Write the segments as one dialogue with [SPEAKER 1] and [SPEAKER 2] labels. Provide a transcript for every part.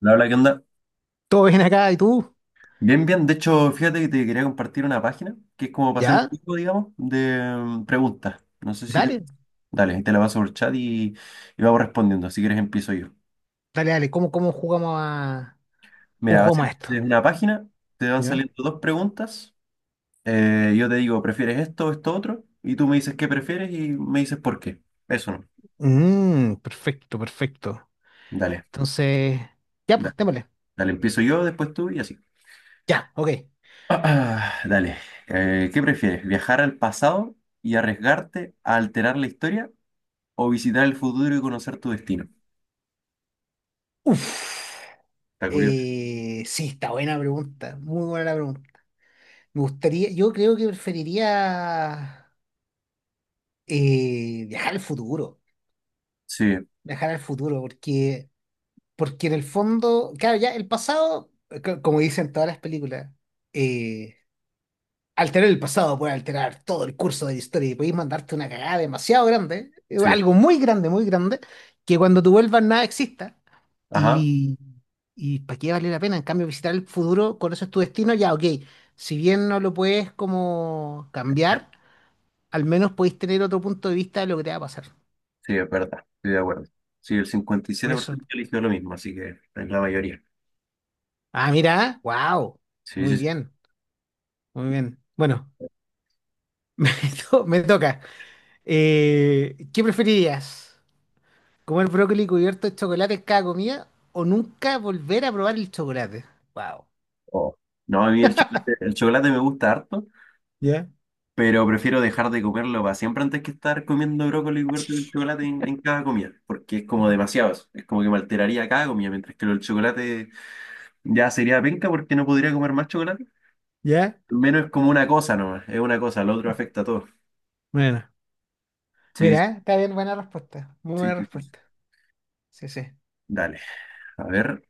[SPEAKER 1] La verdad, ¿qué onda?
[SPEAKER 2] Todo bien acá, ¿y tú?
[SPEAKER 1] Bien, bien. De hecho, fíjate que te quería compartir una página que es como para hacer un
[SPEAKER 2] ¿Ya?
[SPEAKER 1] juego, digamos, de preguntas. No sé si te...
[SPEAKER 2] Dale,
[SPEAKER 1] Dale, ahí te la paso por chat y vamos respondiendo. Si quieres, empiezo yo.
[SPEAKER 2] dale, dale. ¿Cómo jugamos a... ¿Cómo
[SPEAKER 1] Mira, va a
[SPEAKER 2] jugamos
[SPEAKER 1] ser
[SPEAKER 2] a esto?
[SPEAKER 1] desde una página, te van
[SPEAKER 2] ¿Ya?
[SPEAKER 1] saliendo dos preguntas. Yo te digo, ¿prefieres esto o esto otro? Y tú me dices qué prefieres y me dices por qué. Eso no.
[SPEAKER 2] Perfecto, perfecto.
[SPEAKER 1] Dale,
[SPEAKER 2] Entonces, ya, pues,
[SPEAKER 1] dale,
[SPEAKER 2] démosle.
[SPEAKER 1] dale, empiezo yo, después tú y así.
[SPEAKER 2] Ya, ok.
[SPEAKER 1] Ah, dale. ¿Qué prefieres? ¿Viajar al pasado y arriesgarte a alterar la historia? ¿O visitar el futuro y conocer tu destino?
[SPEAKER 2] Uf.
[SPEAKER 1] Está curioso.
[SPEAKER 2] Sí, está buena la pregunta. Muy buena la pregunta. Me gustaría, yo creo que preferiría viajar al futuro.
[SPEAKER 1] Sí,
[SPEAKER 2] Viajar al futuro, porque en el fondo, claro, ya el pasado, como dicen todas las películas. eh, Alterar el pasado puede alterar todo el curso de la historia y podéis mandarte una cagada demasiado grande,
[SPEAKER 1] sí.
[SPEAKER 2] algo muy grande, que cuando tú vuelvas nada exista,
[SPEAKER 1] Ajá.
[SPEAKER 2] y, y ¿para qué vale la pena? En cambio, visitar el futuro, conoces tu destino, ya, ok, si bien no lo puedes como
[SPEAKER 1] Ya.
[SPEAKER 2] cambiar, al menos podéis tener otro punto de vista de lo que te va a pasar.
[SPEAKER 1] Sí, es verdad. Estoy de acuerdo. Sí, el cincuenta y
[SPEAKER 2] Por
[SPEAKER 1] siete por
[SPEAKER 2] eso.
[SPEAKER 1] ciento eligió lo mismo, así que es la mayoría.
[SPEAKER 2] Ah, mira, wow,
[SPEAKER 1] Sí,
[SPEAKER 2] muy
[SPEAKER 1] sí, sí.
[SPEAKER 2] bien, muy bien. Bueno, me, me toca. ¿Qué preferirías? ¿Comer brócoli cubierto de chocolate en cada comida o nunca volver a probar el chocolate? Wow.
[SPEAKER 1] Oh. No, a mí el chocolate me gusta harto,
[SPEAKER 2] ¿Ya?
[SPEAKER 1] pero prefiero dejar de comerlo para siempre antes que estar comiendo brócoli cubierto de chocolate en cada comida, porque es como demasiado eso. Es como que me alteraría cada comida, mientras que el chocolate ya sería penca porque no podría comer más chocolate.
[SPEAKER 2] ¿Ya?
[SPEAKER 1] Al menos es como una cosa nomás, es una cosa, lo otro afecta a todo.
[SPEAKER 2] Bueno.
[SPEAKER 1] Sí, sí,
[SPEAKER 2] Mira, ¿eh? Está bien, buena respuesta. Muy
[SPEAKER 1] sí.
[SPEAKER 2] buena
[SPEAKER 1] Sí. Sí.
[SPEAKER 2] respuesta. Sí, sí.
[SPEAKER 1] Dale, a ver,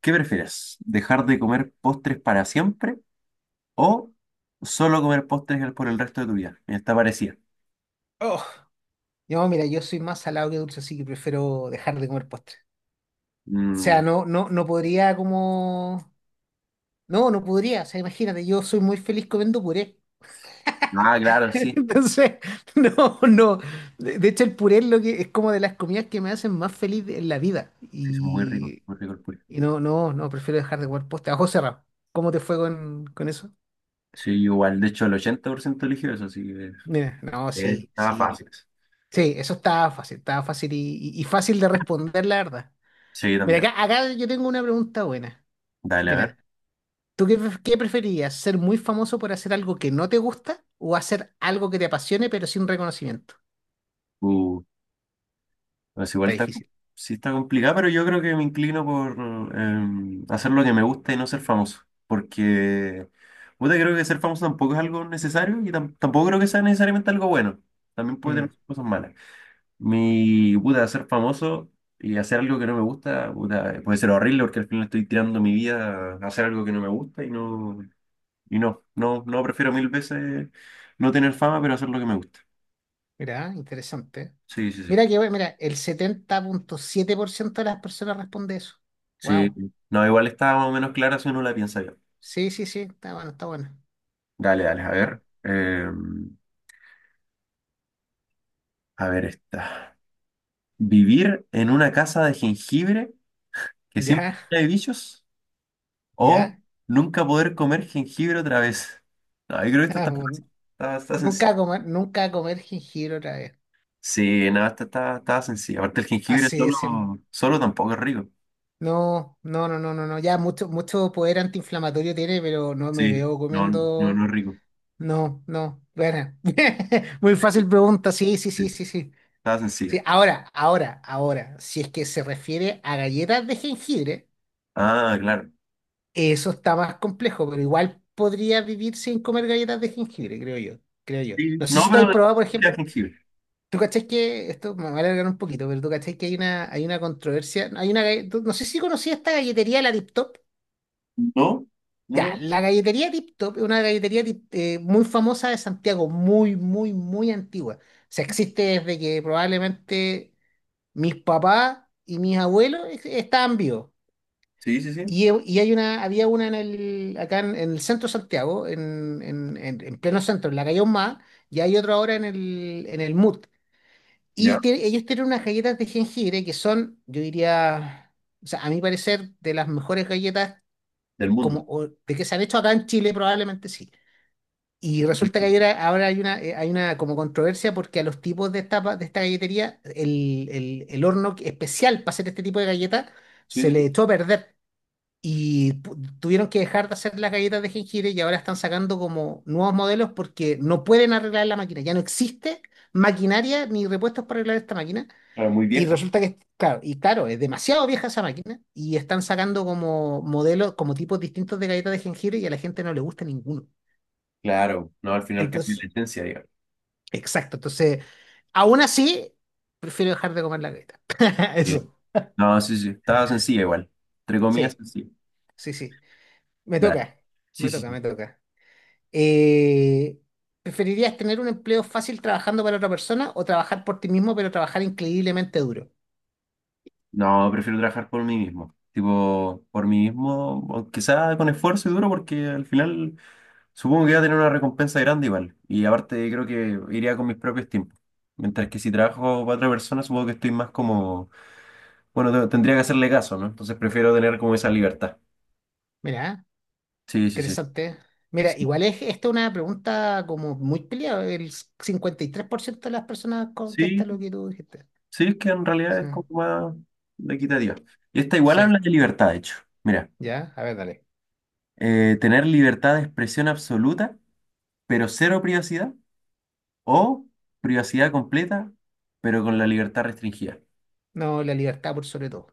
[SPEAKER 1] ¿qué prefieres? ¿Dejar de comer postres para siempre o solo comer postres por el resto de tu vida? Mira, está parecida.
[SPEAKER 2] Oh. Mira, yo soy más salado que dulce, así que prefiero dejar de comer postre. O sea,
[SPEAKER 1] Mm,
[SPEAKER 2] no, no, no podría como. No, no podría. O sea, imagínate, yo soy muy feliz comiendo puré.
[SPEAKER 1] ah, claro, sí.
[SPEAKER 2] Entonces, no, no. De hecho, el puré es lo que es como de las comidas que me hacen más feliz en la vida.
[SPEAKER 1] Sí, son
[SPEAKER 2] Y
[SPEAKER 1] muy ricos el puré.
[SPEAKER 2] Y no, no, no, prefiero dejar de jugar poste. A ojos cerrados. ¿Cómo te fue con eso?
[SPEAKER 1] Sí, igual, de hecho, el 80% eligió eso, así que
[SPEAKER 2] Mira, no, sí,
[SPEAKER 1] estaba
[SPEAKER 2] sí.
[SPEAKER 1] fácil.
[SPEAKER 2] Sí, eso estaba fácil y fácil de responder, la verdad.
[SPEAKER 1] Sí,
[SPEAKER 2] Mira,
[SPEAKER 1] también.
[SPEAKER 2] acá yo tengo una pregunta buena.
[SPEAKER 1] Dale, a ver.
[SPEAKER 2] Mira, ¿tú qué preferirías? ¿Ser muy famoso por hacer algo que no te gusta o hacer algo que te apasione pero sin reconocimiento?
[SPEAKER 1] Uh, Pues igual
[SPEAKER 2] Está
[SPEAKER 1] está,
[SPEAKER 2] difícil.
[SPEAKER 1] sí está complicado, pero yo creo que me inclino por hacer lo que me gusta y no ser famoso. Porque, puta, creo que ser famoso tampoco es algo necesario y tampoco creo que sea necesariamente algo bueno. También puede tener
[SPEAKER 2] Mm,
[SPEAKER 1] sus cosas malas. Mi, puta, ser famoso y hacer algo que no me gusta, puta, puede ser horrible porque al final estoy tirando mi vida a hacer algo que no me gusta y no prefiero mil veces no tener fama, pero hacer lo que me gusta.
[SPEAKER 2] mira, interesante.
[SPEAKER 1] Sí, sí, sí.
[SPEAKER 2] Mira que, bueno, mira, el 70,7% de las personas responde eso.
[SPEAKER 1] Sí,
[SPEAKER 2] Wow.
[SPEAKER 1] no, igual está más o menos clara si uno la piensa bien.
[SPEAKER 2] Sí, sí, sí, está bueno, está bueno.
[SPEAKER 1] Dale, dale, a
[SPEAKER 2] Ah.
[SPEAKER 1] ver. A ver esta. ¿Vivir en una casa de jengibre que siempre
[SPEAKER 2] Ya.
[SPEAKER 1] trae bichos? ¿O
[SPEAKER 2] ¿Ya?
[SPEAKER 1] nunca poder comer jengibre otra vez? No, yo creo que esta
[SPEAKER 2] Ah,
[SPEAKER 1] está fácil. Está sencilla.
[SPEAKER 2] nunca comer jengibre otra vez.
[SPEAKER 1] Sí, nada, esta está sencilla. Aparte, el jengibre
[SPEAKER 2] Así
[SPEAKER 1] solo,
[SPEAKER 2] es. Sí.
[SPEAKER 1] solo tampoco es rico.
[SPEAKER 2] No, no, no, no, no, no. Ya mucho, mucho poder antiinflamatorio tiene, pero no me
[SPEAKER 1] Sí,
[SPEAKER 2] veo
[SPEAKER 1] no, no, no
[SPEAKER 2] comiendo.
[SPEAKER 1] es rico.
[SPEAKER 2] No, no. Bueno. Muy
[SPEAKER 1] Sí,
[SPEAKER 2] fácil pregunta. Sí, sí, sí,
[SPEAKER 1] sí.
[SPEAKER 2] sí, sí.
[SPEAKER 1] Está
[SPEAKER 2] Sí,
[SPEAKER 1] sencilla.
[SPEAKER 2] ahora, ahora, ahora. Si es que se refiere a galletas de jengibre,
[SPEAKER 1] Ah, claro.
[SPEAKER 2] eso está más complejo, pero igual podría vivir sin comer galletas de jengibre, creo yo. Creo yo.
[SPEAKER 1] Sí,
[SPEAKER 2] No sé
[SPEAKER 1] no,
[SPEAKER 2] si tú has
[SPEAKER 1] pero de
[SPEAKER 2] probado, por
[SPEAKER 1] de
[SPEAKER 2] ejemplo.
[SPEAKER 1] jengibre.
[SPEAKER 2] Tú cachás que, esto me va a alargar un poquito, pero tú cachás que hay una controversia, hay una, galle- tú- no sé si conocías esta galletería, la Tip Top.
[SPEAKER 1] No, no,
[SPEAKER 2] Ya,
[SPEAKER 1] no.
[SPEAKER 2] la galletería Tip Top es una galletería muy famosa de Santiago, muy, muy, muy antigua. O sea, existe desde que probablemente mis papás y mis abuelos estaban vivos.
[SPEAKER 1] Sí, sí, sí.
[SPEAKER 2] Y había una en acá en el centro de Santiago, en, en pleno centro, en la calle Ahumada, y hay otra ahora en el MUT.
[SPEAKER 1] Ya,
[SPEAKER 2] Y ellos tienen unas galletas de jengibre que son, yo diría, o sea, a mi parecer, de las mejores galletas
[SPEAKER 1] del mundo.
[SPEAKER 2] de que se han hecho acá en Chile, probablemente sí. Y resulta que ahora hay una como controversia porque a los tipos de esta galletería, el horno especial para hacer este tipo de galletas
[SPEAKER 1] Sí,
[SPEAKER 2] se
[SPEAKER 1] sí,
[SPEAKER 2] le
[SPEAKER 1] sí.
[SPEAKER 2] echó a perder. Y tuvieron que dejar de hacer las galletas de jengibre y ahora están sacando como nuevos modelos porque no pueden arreglar la máquina. Ya no existe maquinaria ni repuestos para arreglar esta máquina.
[SPEAKER 1] Ah, muy
[SPEAKER 2] Y
[SPEAKER 1] vieja.
[SPEAKER 2] resulta que, claro, es demasiado vieja esa máquina y están sacando como modelos, como tipos distintos de galletas de jengibre y a la gente no le gusta ninguno.
[SPEAKER 1] Claro, no, al final cambia
[SPEAKER 2] Entonces,
[SPEAKER 1] la esencia, digamos.
[SPEAKER 2] exacto. Entonces, aún así, prefiero dejar de comer la galleta.
[SPEAKER 1] Bien.
[SPEAKER 2] Eso.
[SPEAKER 1] No, sí, sí, estaba sencilla igual. Entre comillas,
[SPEAKER 2] Sí,
[SPEAKER 1] sencilla.
[SPEAKER 2] sí, sí. Me
[SPEAKER 1] Dale.
[SPEAKER 2] toca,
[SPEAKER 1] Sí,
[SPEAKER 2] me
[SPEAKER 1] sí,
[SPEAKER 2] toca,
[SPEAKER 1] sí.
[SPEAKER 2] me toca. Eh, ¿preferirías tener un empleo fácil trabajando para otra persona o trabajar por ti mismo, pero trabajar increíblemente duro?
[SPEAKER 1] No, prefiero trabajar por mí mismo. Tipo, por mí mismo, aunque sea con esfuerzo y duro, porque al final supongo que va a tener una recompensa grande igual. Y aparte, creo que iría con mis propios tiempos. Mientras que si trabajo para otra persona, supongo que estoy más como, bueno, tendría que hacerle caso, ¿no? Entonces prefiero tener como esa libertad.
[SPEAKER 2] Mira,
[SPEAKER 1] Sí, sí, sí.
[SPEAKER 2] interesante. Mira,
[SPEAKER 1] Sí.
[SPEAKER 2] igual es esta es una pregunta como muy peleada. El 53% de las personas contesta
[SPEAKER 1] Sí.
[SPEAKER 2] lo que tú dijiste.
[SPEAKER 1] Sí, es que en realidad
[SPEAKER 2] Sí,
[SPEAKER 1] es como más equitativa. Y esta igual
[SPEAKER 2] sí,
[SPEAKER 1] habla de libertad, de hecho. Mira,
[SPEAKER 2] ya, a ver, dale.
[SPEAKER 1] tener libertad de expresión absoluta, pero cero privacidad, o privacidad completa, pero con la libertad restringida.
[SPEAKER 2] No, la libertad por sobre todo.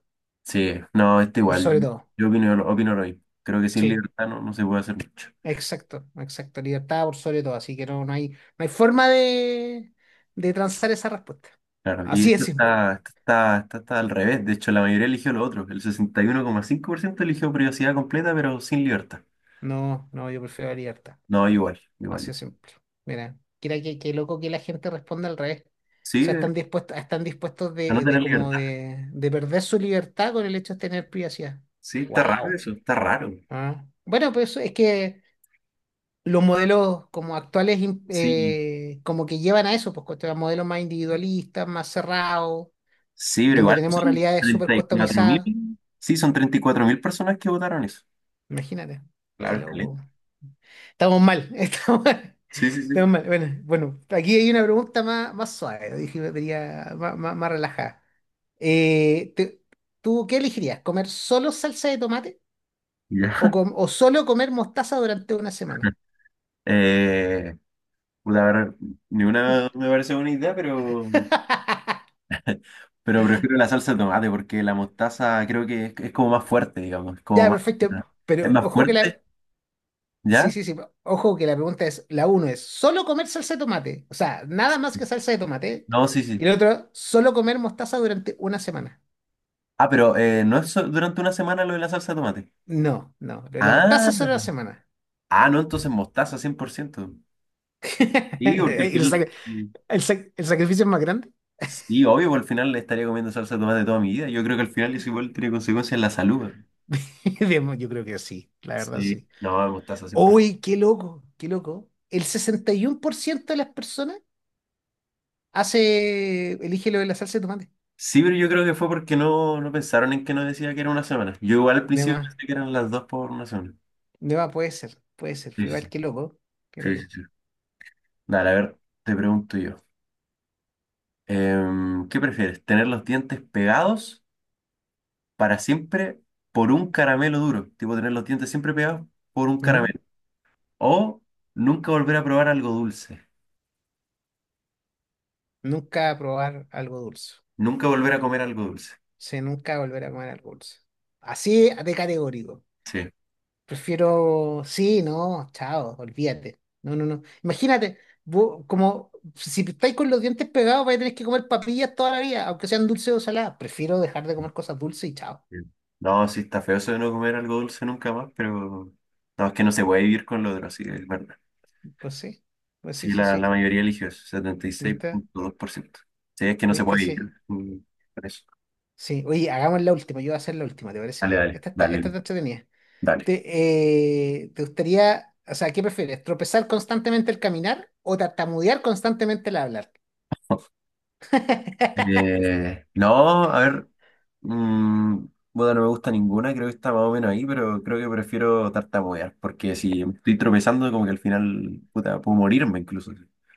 [SPEAKER 1] Sí, no, este
[SPEAKER 2] Por
[SPEAKER 1] igual.
[SPEAKER 2] sobre
[SPEAKER 1] Yo
[SPEAKER 2] todo.
[SPEAKER 1] yo opino, lo- opino lo mismo. Creo que sin
[SPEAKER 2] Sí,
[SPEAKER 1] libertad no se puede hacer mucho.
[SPEAKER 2] exacto, exacto. Libertad por sobre todo. Así que no, no hay forma de transar esa respuesta.
[SPEAKER 1] Claro, y
[SPEAKER 2] Así es
[SPEAKER 1] esto
[SPEAKER 2] simple.
[SPEAKER 1] está, esto está, esto está al revés. De hecho, la mayoría eligió lo otro. El 61,5% eligió privacidad completa, pero sin libertad.
[SPEAKER 2] No, no, yo prefiero la libertad.
[SPEAKER 1] No, igual,
[SPEAKER 2] Así
[SPEAKER 1] igual.
[SPEAKER 2] de simple. Mira, qué loco que la gente responda al revés. O
[SPEAKER 1] Sí,
[SPEAKER 2] sea, están dispuestos
[SPEAKER 1] a no
[SPEAKER 2] de, de
[SPEAKER 1] tener
[SPEAKER 2] como
[SPEAKER 1] libertad.
[SPEAKER 2] de, de perder su libertad con el hecho de tener privacidad.
[SPEAKER 1] Sí, está raro
[SPEAKER 2] Wow.
[SPEAKER 1] eso, está raro.
[SPEAKER 2] Ah. Bueno, pues eso es que los modelos como actuales
[SPEAKER 1] Sí,
[SPEAKER 2] como que llevan a eso, pues modelos más individualistas, más cerrados,
[SPEAKER 1] sí, pero
[SPEAKER 2] donde
[SPEAKER 1] igual
[SPEAKER 2] tenemos
[SPEAKER 1] son
[SPEAKER 2] realidades súper
[SPEAKER 1] treinta y cuatro
[SPEAKER 2] customizadas.
[SPEAKER 1] mil. Sí, son 34.000 personas que votaron eso.
[SPEAKER 2] Imagínate, qué
[SPEAKER 1] Claro, es caleta.
[SPEAKER 2] loco. Estamos mal, estamos mal.
[SPEAKER 1] Sí, sí, sí.
[SPEAKER 2] Menos mal. Bueno, aquí hay una pregunta más, más, suave, dije, me venía más relajada. Eh, te- ¿tú qué elegirías? ¿Comer solo salsa de tomate o,
[SPEAKER 1] Ya.
[SPEAKER 2] com- o solo comer mostaza durante una semana?
[SPEAKER 1] Eh, Puta, a ver, ni una me parece buena idea, pero, pero prefiero la salsa de tomate porque la mostaza creo que es como más fuerte, digamos. Es como
[SPEAKER 2] Ya,
[SPEAKER 1] más,
[SPEAKER 2] perfecto.
[SPEAKER 1] es
[SPEAKER 2] Pero
[SPEAKER 1] más
[SPEAKER 2] ojo que
[SPEAKER 1] fuerte,
[SPEAKER 2] la... Sí,
[SPEAKER 1] ¿ya?
[SPEAKER 2] sí, sí. Pero ojo que la pregunta es, la uno es, ¿solo comer salsa de tomate? O sea, nada más que salsa de tomate.
[SPEAKER 1] No, sí,
[SPEAKER 2] Y
[SPEAKER 1] sí.
[SPEAKER 2] la otra, ¿solo comer mostaza durante una semana?
[SPEAKER 1] Ah, pero no es durante una semana lo de la salsa de tomate.
[SPEAKER 2] No, no. Lo de la
[SPEAKER 1] Ah,
[SPEAKER 2] mostaza solo una semana.
[SPEAKER 1] ah, no, entonces mostaza 100%. Sí, porque al
[SPEAKER 2] ¿Y el,
[SPEAKER 1] final,
[SPEAKER 2] sac- el sac- el sacrificio es más grande?
[SPEAKER 1] sí, obvio, porque al final le estaría comiendo salsa de tomate toda mi vida. Yo creo que al final eso igual tiene consecuencias en la salud. Güey.
[SPEAKER 2] Bien, yo creo que sí, la verdad
[SPEAKER 1] Sí,
[SPEAKER 2] sí.
[SPEAKER 1] no, mostaza 100%.
[SPEAKER 2] Uy, qué loco, qué loco. El 61% de las personas elige lo de la salsa de tomate.
[SPEAKER 1] Sí, pero yo creo que fue porque no pensaron en que no decía que era una semana. Yo igual al
[SPEAKER 2] De
[SPEAKER 1] principio
[SPEAKER 2] más,
[SPEAKER 1] pensé que eran las dos por una semana.
[SPEAKER 2] de más puede ser, puede ser.
[SPEAKER 1] Sí,
[SPEAKER 2] Fue
[SPEAKER 1] sí, sí.
[SPEAKER 2] Igual, qué loco, qué
[SPEAKER 1] Sí, sí,
[SPEAKER 2] loco.
[SPEAKER 1] sí. Dale, a ver, te pregunto yo. ¿Qué prefieres? ¿Tener los dientes pegados para siempre por un caramelo duro? Tipo, tener los dientes siempre pegados por un
[SPEAKER 2] Ujú.
[SPEAKER 1] caramelo. O nunca volver a probar algo dulce.
[SPEAKER 2] Nunca probar algo dulce.
[SPEAKER 1] Nunca volver a comer algo dulce.
[SPEAKER 2] Se nunca volver a comer algo dulce. Así de categórico.
[SPEAKER 1] Sí.
[SPEAKER 2] Prefiero, sí, no, chao, olvídate. No, no, no. Imagínate, vos, como si estáis con los dientes pegados, vais a tener que comer papillas toda la vida, aunque sean dulces o saladas. Prefiero dejar de comer cosas dulces y chao.
[SPEAKER 1] Sí. No, sí está feo eso de no comer algo dulce nunca más, pero no, es que no se puede vivir con lo otro, sí, es verdad.
[SPEAKER 2] Pues sí, pues sí,
[SPEAKER 1] Sí,
[SPEAKER 2] sí,
[SPEAKER 1] la
[SPEAKER 2] sí.
[SPEAKER 1] mayoría eligió eso, setenta y seis
[SPEAKER 2] ¿Viste?
[SPEAKER 1] punto dos por ciento Sí, es que no se
[SPEAKER 2] ¿Viste?
[SPEAKER 1] puede
[SPEAKER 2] Sí.
[SPEAKER 1] vivir, con eso.
[SPEAKER 2] Sí. Oye, hagamos la última. Yo voy a hacer la última, ¿te
[SPEAKER 1] Dale,
[SPEAKER 2] parece?
[SPEAKER 1] dale,
[SPEAKER 2] Esta está, esta
[SPEAKER 1] dale,
[SPEAKER 2] está entretenida.
[SPEAKER 1] dale.
[SPEAKER 2] ¿Te, te gustaría? O sea, ¿qué prefieres? ¿Tropezar constantemente al caminar o tartamudear constantemente al hablar?
[SPEAKER 1] No, a ver, mm, bueno, no me gusta ninguna, creo que está más o menos ahí, pero creo que prefiero tartamudear, porque si estoy tropezando, como que al final, puta, puedo morirme incluso.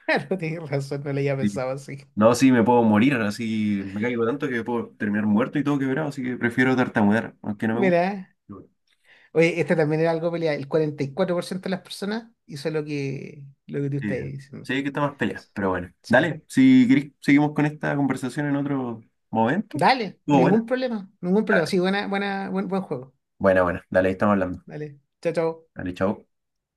[SPEAKER 2] Claro, tienes razón, no le había
[SPEAKER 1] Sí.
[SPEAKER 2] pensado así.
[SPEAKER 1] No, sí, me puedo morir, así me caigo tanto que puedo terminar muerto y todo quebrado, así que prefiero tartamudear, aunque no me gusta.
[SPEAKER 2] Mira,
[SPEAKER 1] Pero bueno.
[SPEAKER 2] oye, esta también era algo pelea. El 44% de las personas hizo lo que, tú
[SPEAKER 1] Sí,
[SPEAKER 2] estás diciendo.
[SPEAKER 1] sí que está más pelea, pero bueno.
[SPEAKER 2] Sí.
[SPEAKER 1] Dale, si querés, seguimos con esta conversación en otro momento.
[SPEAKER 2] Dale,
[SPEAKER 1] Oh, bueno,
[SPEAKER 2] ningún problema, ningún problema.
[SPEAKER 1] dale.
[SPEAKER 2] Sí, buena, buena, buen, buen juego.
[SPEAKER 1] Buena, buena, dale, ahí estamos hablando.
[SPEAKER 2] Dale, chao, chao.
[SPEAKER 1] Dale, chao.